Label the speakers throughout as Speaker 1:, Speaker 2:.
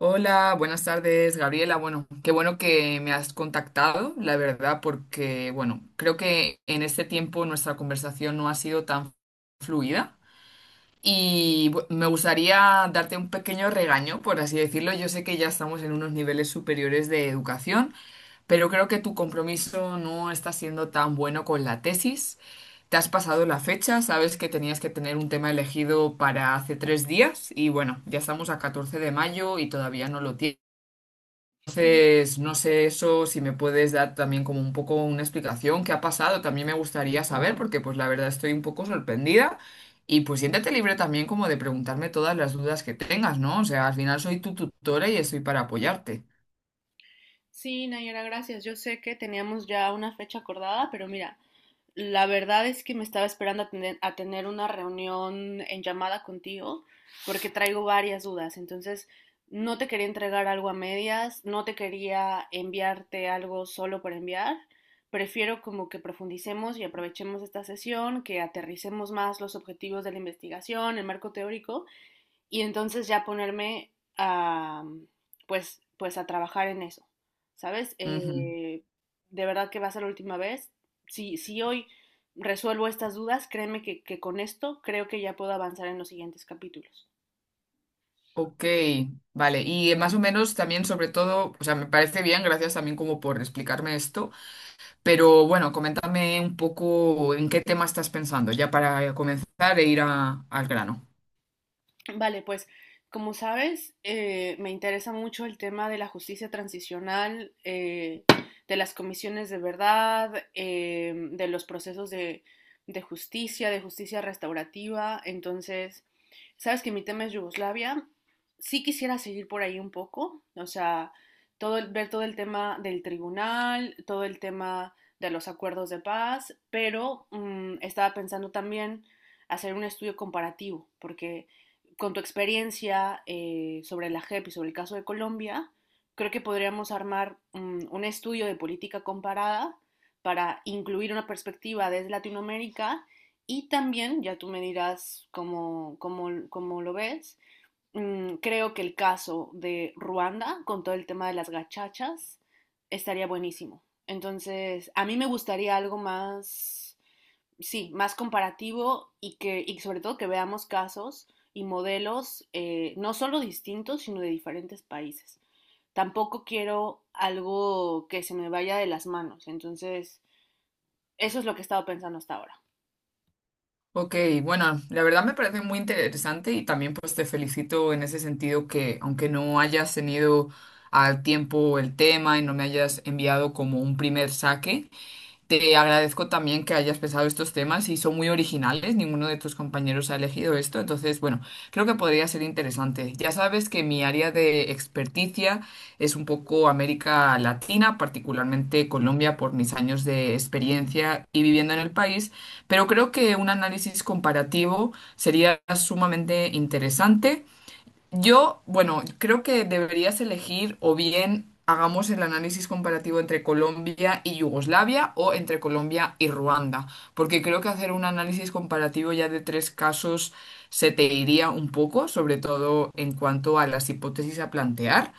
Speaker 1: Hola, buenas tardes, Gabriela. Bueno, qué bueno que me has contactado, la verdad, porque, bueno, creo que en este tiempo nuestra conversación no ha sido tan fluida y me gustaría darte un pequeño regaño, por así decirlo. Yo sé que ya estamos en unos niveles superiores de educación, pero creo que tu compromiso no está siendo tan bueno con la tesis. Te has pasado la fecha, sabes que tenías que tener un tema elegido para hace 3 días y, bueno, ya estamos a 14 de mayo y todavía no lo tienes.
Speaker 2: Ujú.
Speaker 1: Pues no sé eso, si me puedes dar también como un poco una explicación, qué ha pasado, también me gustaría saber, porque pues la verdad estoy un poco sorprendida y pues siéntate libre también como de preguntarme todas las dudas que tengas, ¿no? O sea, al final soy tu tutora y estoy para apoyarte.
Speaker 2: Sí, Nayara, gracias. Yo sé que teníamos ya una fecha acordada, pero mira, la verdad es que me estaba esperando a tener una reunión en llamada contigo porque traigo varias dudas. Entonces, no te quería entregar algo a medias, no te quería enviarte algo solo por enviar. Prefiero como que profundicemos y aprovechemos esta sesión, que aterricemos más los objetivos de la investigación, el marco teórico y entonces ya ponerme a pues a trabajar en eso, ¿sabes?
Speaker 1: Ujú.
Speaker 2: De verdad que va a ser la última vez. Si hoy resuelvo estas dudas, créeme que con esto creo que ya puedo avanzar en los siguientes capítulos.
Speaker 1: Ok, vale, y más o menos también sobre todo, o sea, me parece bien, gracias también como por explicarme esto, pero bueno, coméntame un poco en qué tema estás pensando, ya para comenzar e ir al grano.
Speaker 2: Vale, pues como sabes, me interesa mucho el tema de la justicia transicional, de las comisiones de verdad, de los procesos de justicia, de justicia restaurativa. Entonces, sabes que mi tema es Yugoslavia. Sí quisiera seguir por ahí un poco, o sea, ver todo el tema del tribunal, todo el tema de los acuerdos de paz, pero estaba pensando también hacer un estudio comparativo, porque con tu experiencia sobre la JEP y sobre el caso de Colombia, creo que podríamos armar un estudio de política comparada para incluir una perspectiva desde Latinoamérica y también, ya tú me dirás cómo lo ves, creo que el caso de Ruanda con todo el tema de las gachachas estaría buenísimo. Entonces, a mí me gustaría algo más sí, más comparativo y que y sobre todo que veamos casos y modelos no solo distintos, sino de diferentes países. Tampoco quiero algo que se me vaya de las manos. Entonces, eso es lo que he estado pensando hasta ahora.
Speaker 1: Ok, bueno, la verdad me parece muy interesante y también pues te felicito en ese sentido que aunque no hayas tenido al tiempo el tema y no me hayas enviado como un primer saque, te agradezco también que hayas pensado estos temas y son muy originales, ninguno de tus compañeros ha elegido esto, entonces, bueno, creo que podría ser interesante. Ya sabes que mi área de experticia es un poco América Latina, particularmente Colombia, por mis años de experiencia y viviendo en el país, pero creo que un análisis comparativo sería sumamente interesante. Yo, bueno, creo que deberías elegir o bien hagamos el análisis comparativo entre Colombia y Yugoslavia o entre Colombia y Ruanda, porque creo que hacer un análisis comparativo ya de tres casos se te iría un poco, sobre todo en cuanto a las hipótesis a plantear.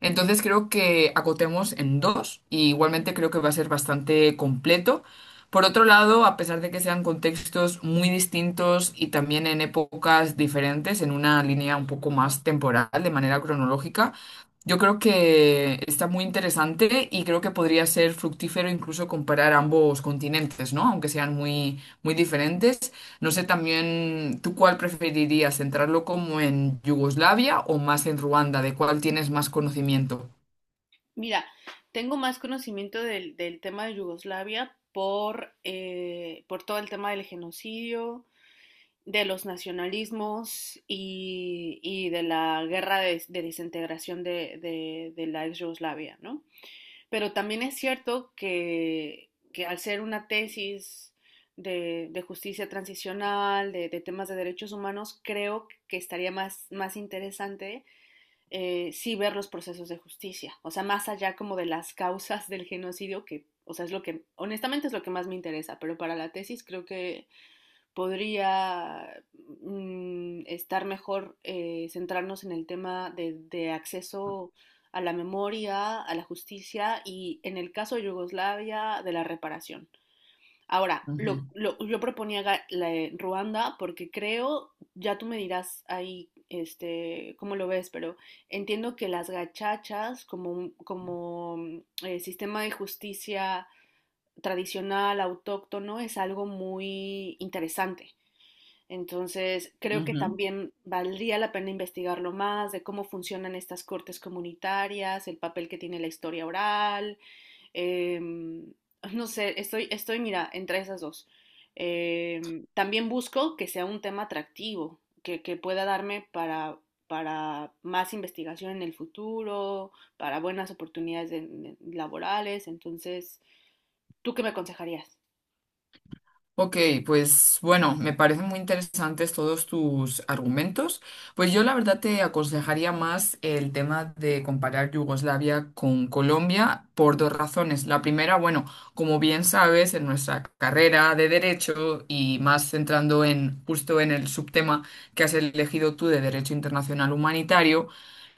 Speaker 1: Entonces creo que acotemos en dos y igualmente creo que va a ser bastante completo por otro lado, a pesar de que sean contextos muy distintos y también en épocas diferentes, en una línea un poco más temporal, de manera cronológica, yo creo que está muy interesante y creo que podría ser fructífero incluso comparar ambos continentes, ¿no? Aunque sean muy, muy diferentes. No sé también, ¿tú cuál preferirías? ¿Centrarlo como en Yugoslavia o más en Ruanda? ¿De cuál tienes más conocimiento?
Speaker 2: Mira, tengo más conocimiento del tema de Yugoslavia por todo el tema del genocidio, de los nacionalismos y de la guerra de desintegración de la ex Yugoslavia, ¿no? Pero también es cierto que al ser una tesis de justicia transicional, de temas de derechos humanos, creo que estaría más, más interesante sí ver los procesos de justicia, o sea, más allá como de las causas del genocidio, que, o sea, es lo que, honestamente es lo que más me interesa, pero para la tesis creo que podría estar mejor centrarnos en el tema de acceso a la memoria, a la justicia y en el caso de Yugoslavia, de la reparación. Ahora, yo proponía la de Ruanda porque creo, ya tú me dirás ahí, este, cómo lo ves, pero entiendo que las gachachas como sistema de justicia tradicional, autóctono, es algo muy interesante. Entonces,
Speaker 1: Ujú,
Speaker 2: creo que
Speaker 1: ujú.
Speaker 2: también valdría la pena investigarlo más de cómo funcionan estas cortes comunitarias, el papel que tiene la historia oral. em, no sé, mira, entre esas dos. También busco que sea un tema atractivo, que pueda darme para más investigación en el futuro, para buenas oportunidades en laborales. Entonces, ¿tú qué me aconsejarías?
Speaker 1: Ok, pues bueno, me parecen muy interesantes todos tus argumentos. Pues yo la verdad te aconsejaría más el tema de comparar Yugoslavia con Colombia por dos razones. La primera, bueno, como bien sabes, en nuestra carrera de derecho y más centrando en justo en el subtema que has elegido tú de Derecho Internacional Humanitario,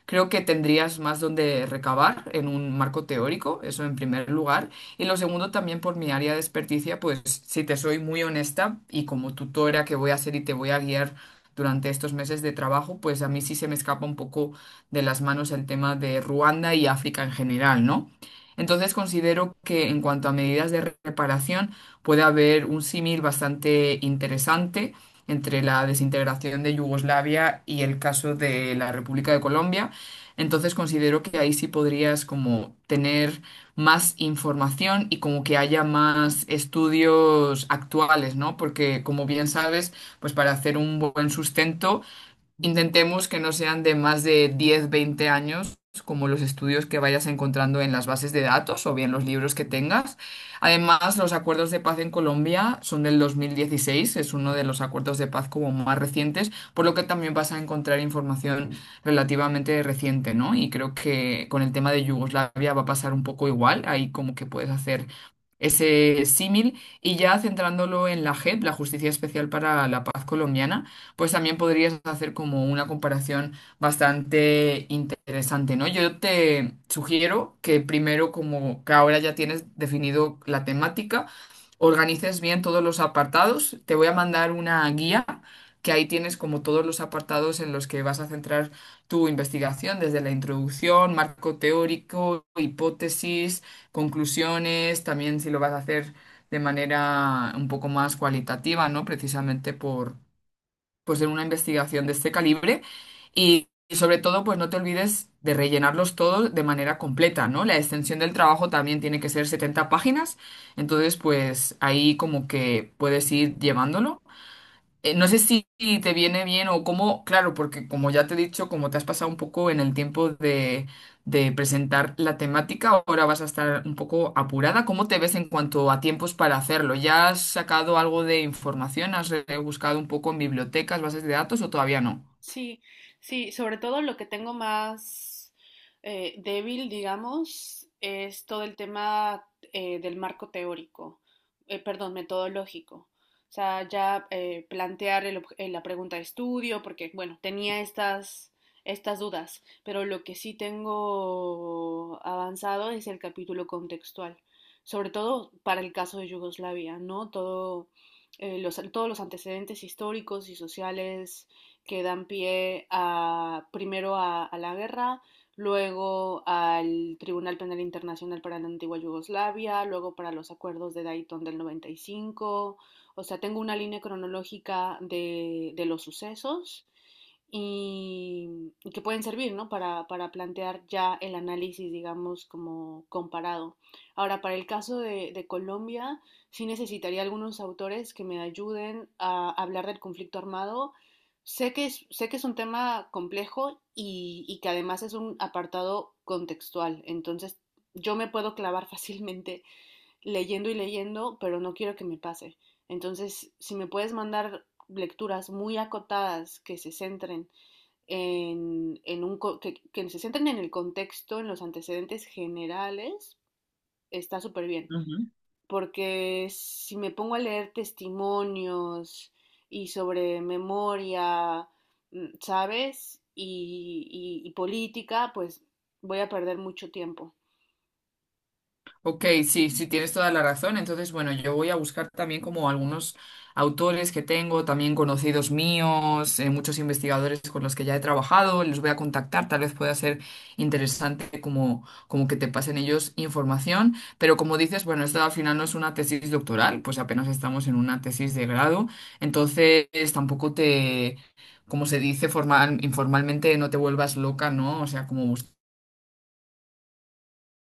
Speaker 1: creo que tendrías más donde recabar en un marco teórico, eso en primer lugar. Y lo segundo, también por mi área de experticia, pues si te soy muy honesta y como tutora que voy a ser y te voy a guiar durante estos meses de trabajo, pues a mí sí se me escapa un poco de las manos el tema de Ruanda y África en general, ¿no? Entonces considero que en cuanto a medidas de reparación puede haber un símil bastante interesante entre la desintegración de Yugoslavia y el caso de la República de Colombia, entonces considero que ahí sí podrías como tener más información y como que haya más estudios actuales, ¿no? Porque como bien sabes, pues para hacer un buen sustento intentemos que no sean de más de 10, 20 años, como los estudios que vayas encontrando en las bases de datos o bien los libros que tengas. Además, los acuerdos de paz en Colombia son del 2016, es uno de los acuerdos de paz como más recientes, por lo que también vas a encontrar información relativamente reciente, ¿no? Y creo que con el tema de Yugoslavia va a pasar un poco igual, ahí como que puedes hacer ese símil y ya centrándolo en la JEP, la Justicia Especial para la Paz Colombiana, pues también podrías hacer como una comparación bastante interesante, ¿no? Yo te sugiero que primero, como que ahora ya tienes definido la temática, organices bien todos los apartados. Te voy a mandar una guía que ahí tienes como todos los apartados en los que vas a centrar tu investigación, desde la introducción, marco teórico, hipótesis, conclusiones, también si lo vas a hacer de manera un poco más cualitativa, ¿no? Precisamente pues en una investigación de este calibre y sobre todo pues no te olvides de rellenarlos todos de manera completa, ¿no? La extensión del trabajo también tiene que ser 70 páginas, entonces pues ahí como que puedes ir llevándolo no sé si te viene bien o cómo, claro, porque como ya te he dicho, como te has pasado un poco en el tiempo de, presentar la temática, ahora vas a estar un poco apurada. ¿Cómo te ves en cuanto a tiempos para hacerlo? ¿Ya has sacado algo de información? ¿Has buscado un poco en bibliotecas, bases de datos o todavía no?
Speaker 2: Sí, sí, sobre todo lo que tengo más débil, digamos, es todo el tema del marco teórico, perdón, metodológico. O sea, ya plantear la pregunta de estudio, porque, bueno, tenía estas dudas, pero lo que sí tengo avanzado es el capítulo contextual, sobre todo para el caso de Yugoslavia, ¿no? Todo, todos los antecedentes históricos y sociales que dan pie a, primero a la guerra, luego al Tribunal Penal Internacional para la antigua Yugoslavia, luego para los acuerdos de Dayton del 95. O sea, tengo una línea cronológica de los sucesos y que pueden servir, ¿no? Para plantear ya el análisis, digamos, como comparado. Ahora, para el caso de Colombia, sí necesitaría algunos autores que me ayuden a hablar del conflicto armado. Sé que es un tema complejo y que además es un apartado contextual, entonces yo me puedo clavar fácilmente leyendo y leyendo, pero no quiero que me pase. Entonces, si me puedes mandar lecturas muy acotadas que se centren en, que se centren en el contexto, en los antecedentes generales, está súper bien porque si me pongo a leer testimonios y sobre memoria, ¿sabes? Y política, pues voy a perder mucho tiempo.
Speaker 1: Ok, sí, sí, tienes toda la razón. Entonces, bueno, yo voy a buscar también como algunos autores que tengo, también conocidos míos, muchos investigadores con los que ya he trabajado, les voy a contactar, tal vez pueda ser interesante como, como que te pasen ellos información, pero como dices, bueno, esto al final no es una tesis doctoral, pues apenas estamos en una tesis de grado, entonces tampoco te... Como se dice formal, informalmente, no te vuelvas loca, ¿no? O sea, como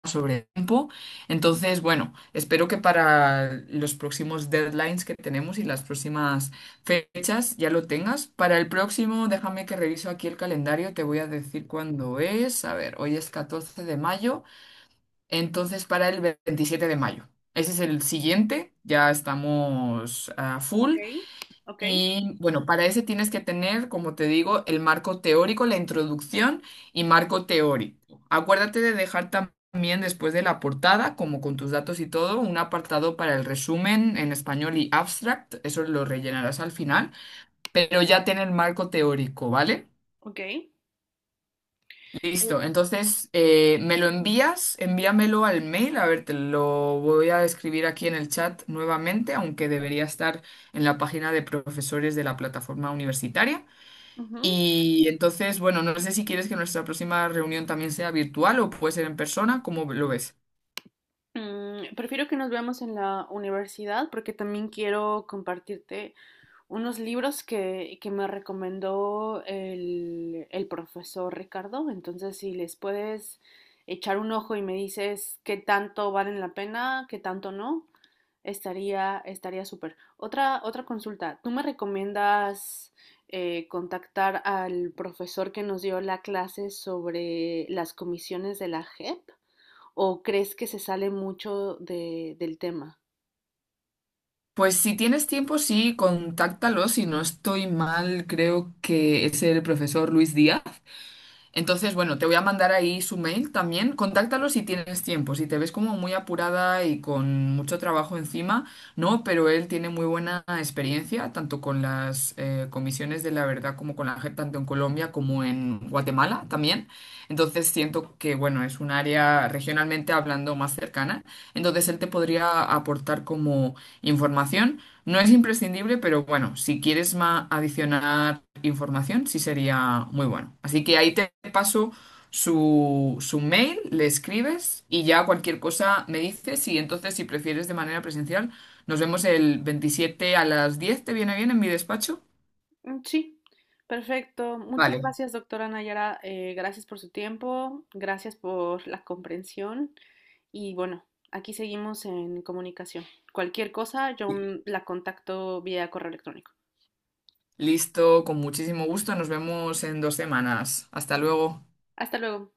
Speaker 1: sobre el tiempo. Entonces, bueno, espero que para los próximos deadlines que tenemos y las próximas fechas ya lo tengas. Para el próximo, déjame que reviso aquí el calendario, te voy a decir cuándo es. A ver, hoy es 14 de mayo, entonces para el 27 de mayo. Ese es el siguiente, ya estamos a
Speaker 2: Ok,
Speaker 1: full.
Speaker 2: ok,
Speaker 1: Y bueno, para ese tienes que tener, como te digo, el marco teórico, la introducción y marco teórico. Acuérdate de dejar también después de la portada, como con tus datos y todo, un apartado para el resumen en español y abstract. Eso lo rellenarás al final, pero ya ten el marco teórico, ¿vale?
Speaker 2: ok.
Speaker 1: Listo, entonces me lo envías, envíamelo al mail, a ver, te lo voy a escribir aquí en el chat nuevamente, aunque debería estar en la página de profesores de la plataforma universitaria.
Speaker 2: Ujú.
Speaker 1: Y entonces, bueno, no sé si quieres que nuestra próxima reunión también sea virtual o puede ser en persona, ¿cómo lo ves?
Speaker 2: Prefiero que nos veamos en la universidad porque también quiero compartirte unos libros que me recomendó el profesor Ricardo. Entonces, si les puedes echar un ojo y me dices qué tanto valen la pena, qué tanto no, estaría súper. Otra consulta. ¿Tú me recomiendas contactar al profesor que nos dio la clase sobre las comisiones de la JEP? ¿O crees que se sale mucho del tema?
Speaker 1: Pues si tienes tiempo, sí, contáctalo. Si no estoy mal, creo que es el profesor Luis Díaz. Entonces, bueno, te voy a mandar ahí su mail también. Contáctalo si tienes tiempo, si te ves como muy apurada y con mucho trabajo encima, no, pero él tiene muy buena experiencia, tanto con las comisiones de la verdad como con la gente, tanto en Colombia como en Guatemala también. Entonces, siento que, bueno, es un área regionalmente hablando más cercana. Entonces, él te podría aportar como información. No es imprescindible, pero bueno, si quieres adicionar información, sí sería muy bueno. Así que ahí te paso su mail, le escribes y ya cualquier cosa me dices. Y entonces, si prefieres de manera presencial, nos vemos el 27 a las 10. ¿Te viene bien en mi despacho?
Speaker 2: Sí, perfecto. Muchas
Speaker 1: Vale.
Speaker 2: gracias, doctora Nayara. Gracias por su tiempo, gracias por la comprensión. Y bueno, aquí seguimos en comunicación. Cualquier cosa, yo la contacto vía correo electrónico.
Speaker 1: Listo, con muchísimo gusto. Nos vemos en 2 semanas. Hasta luego.
Speaker 2: Hasta luego.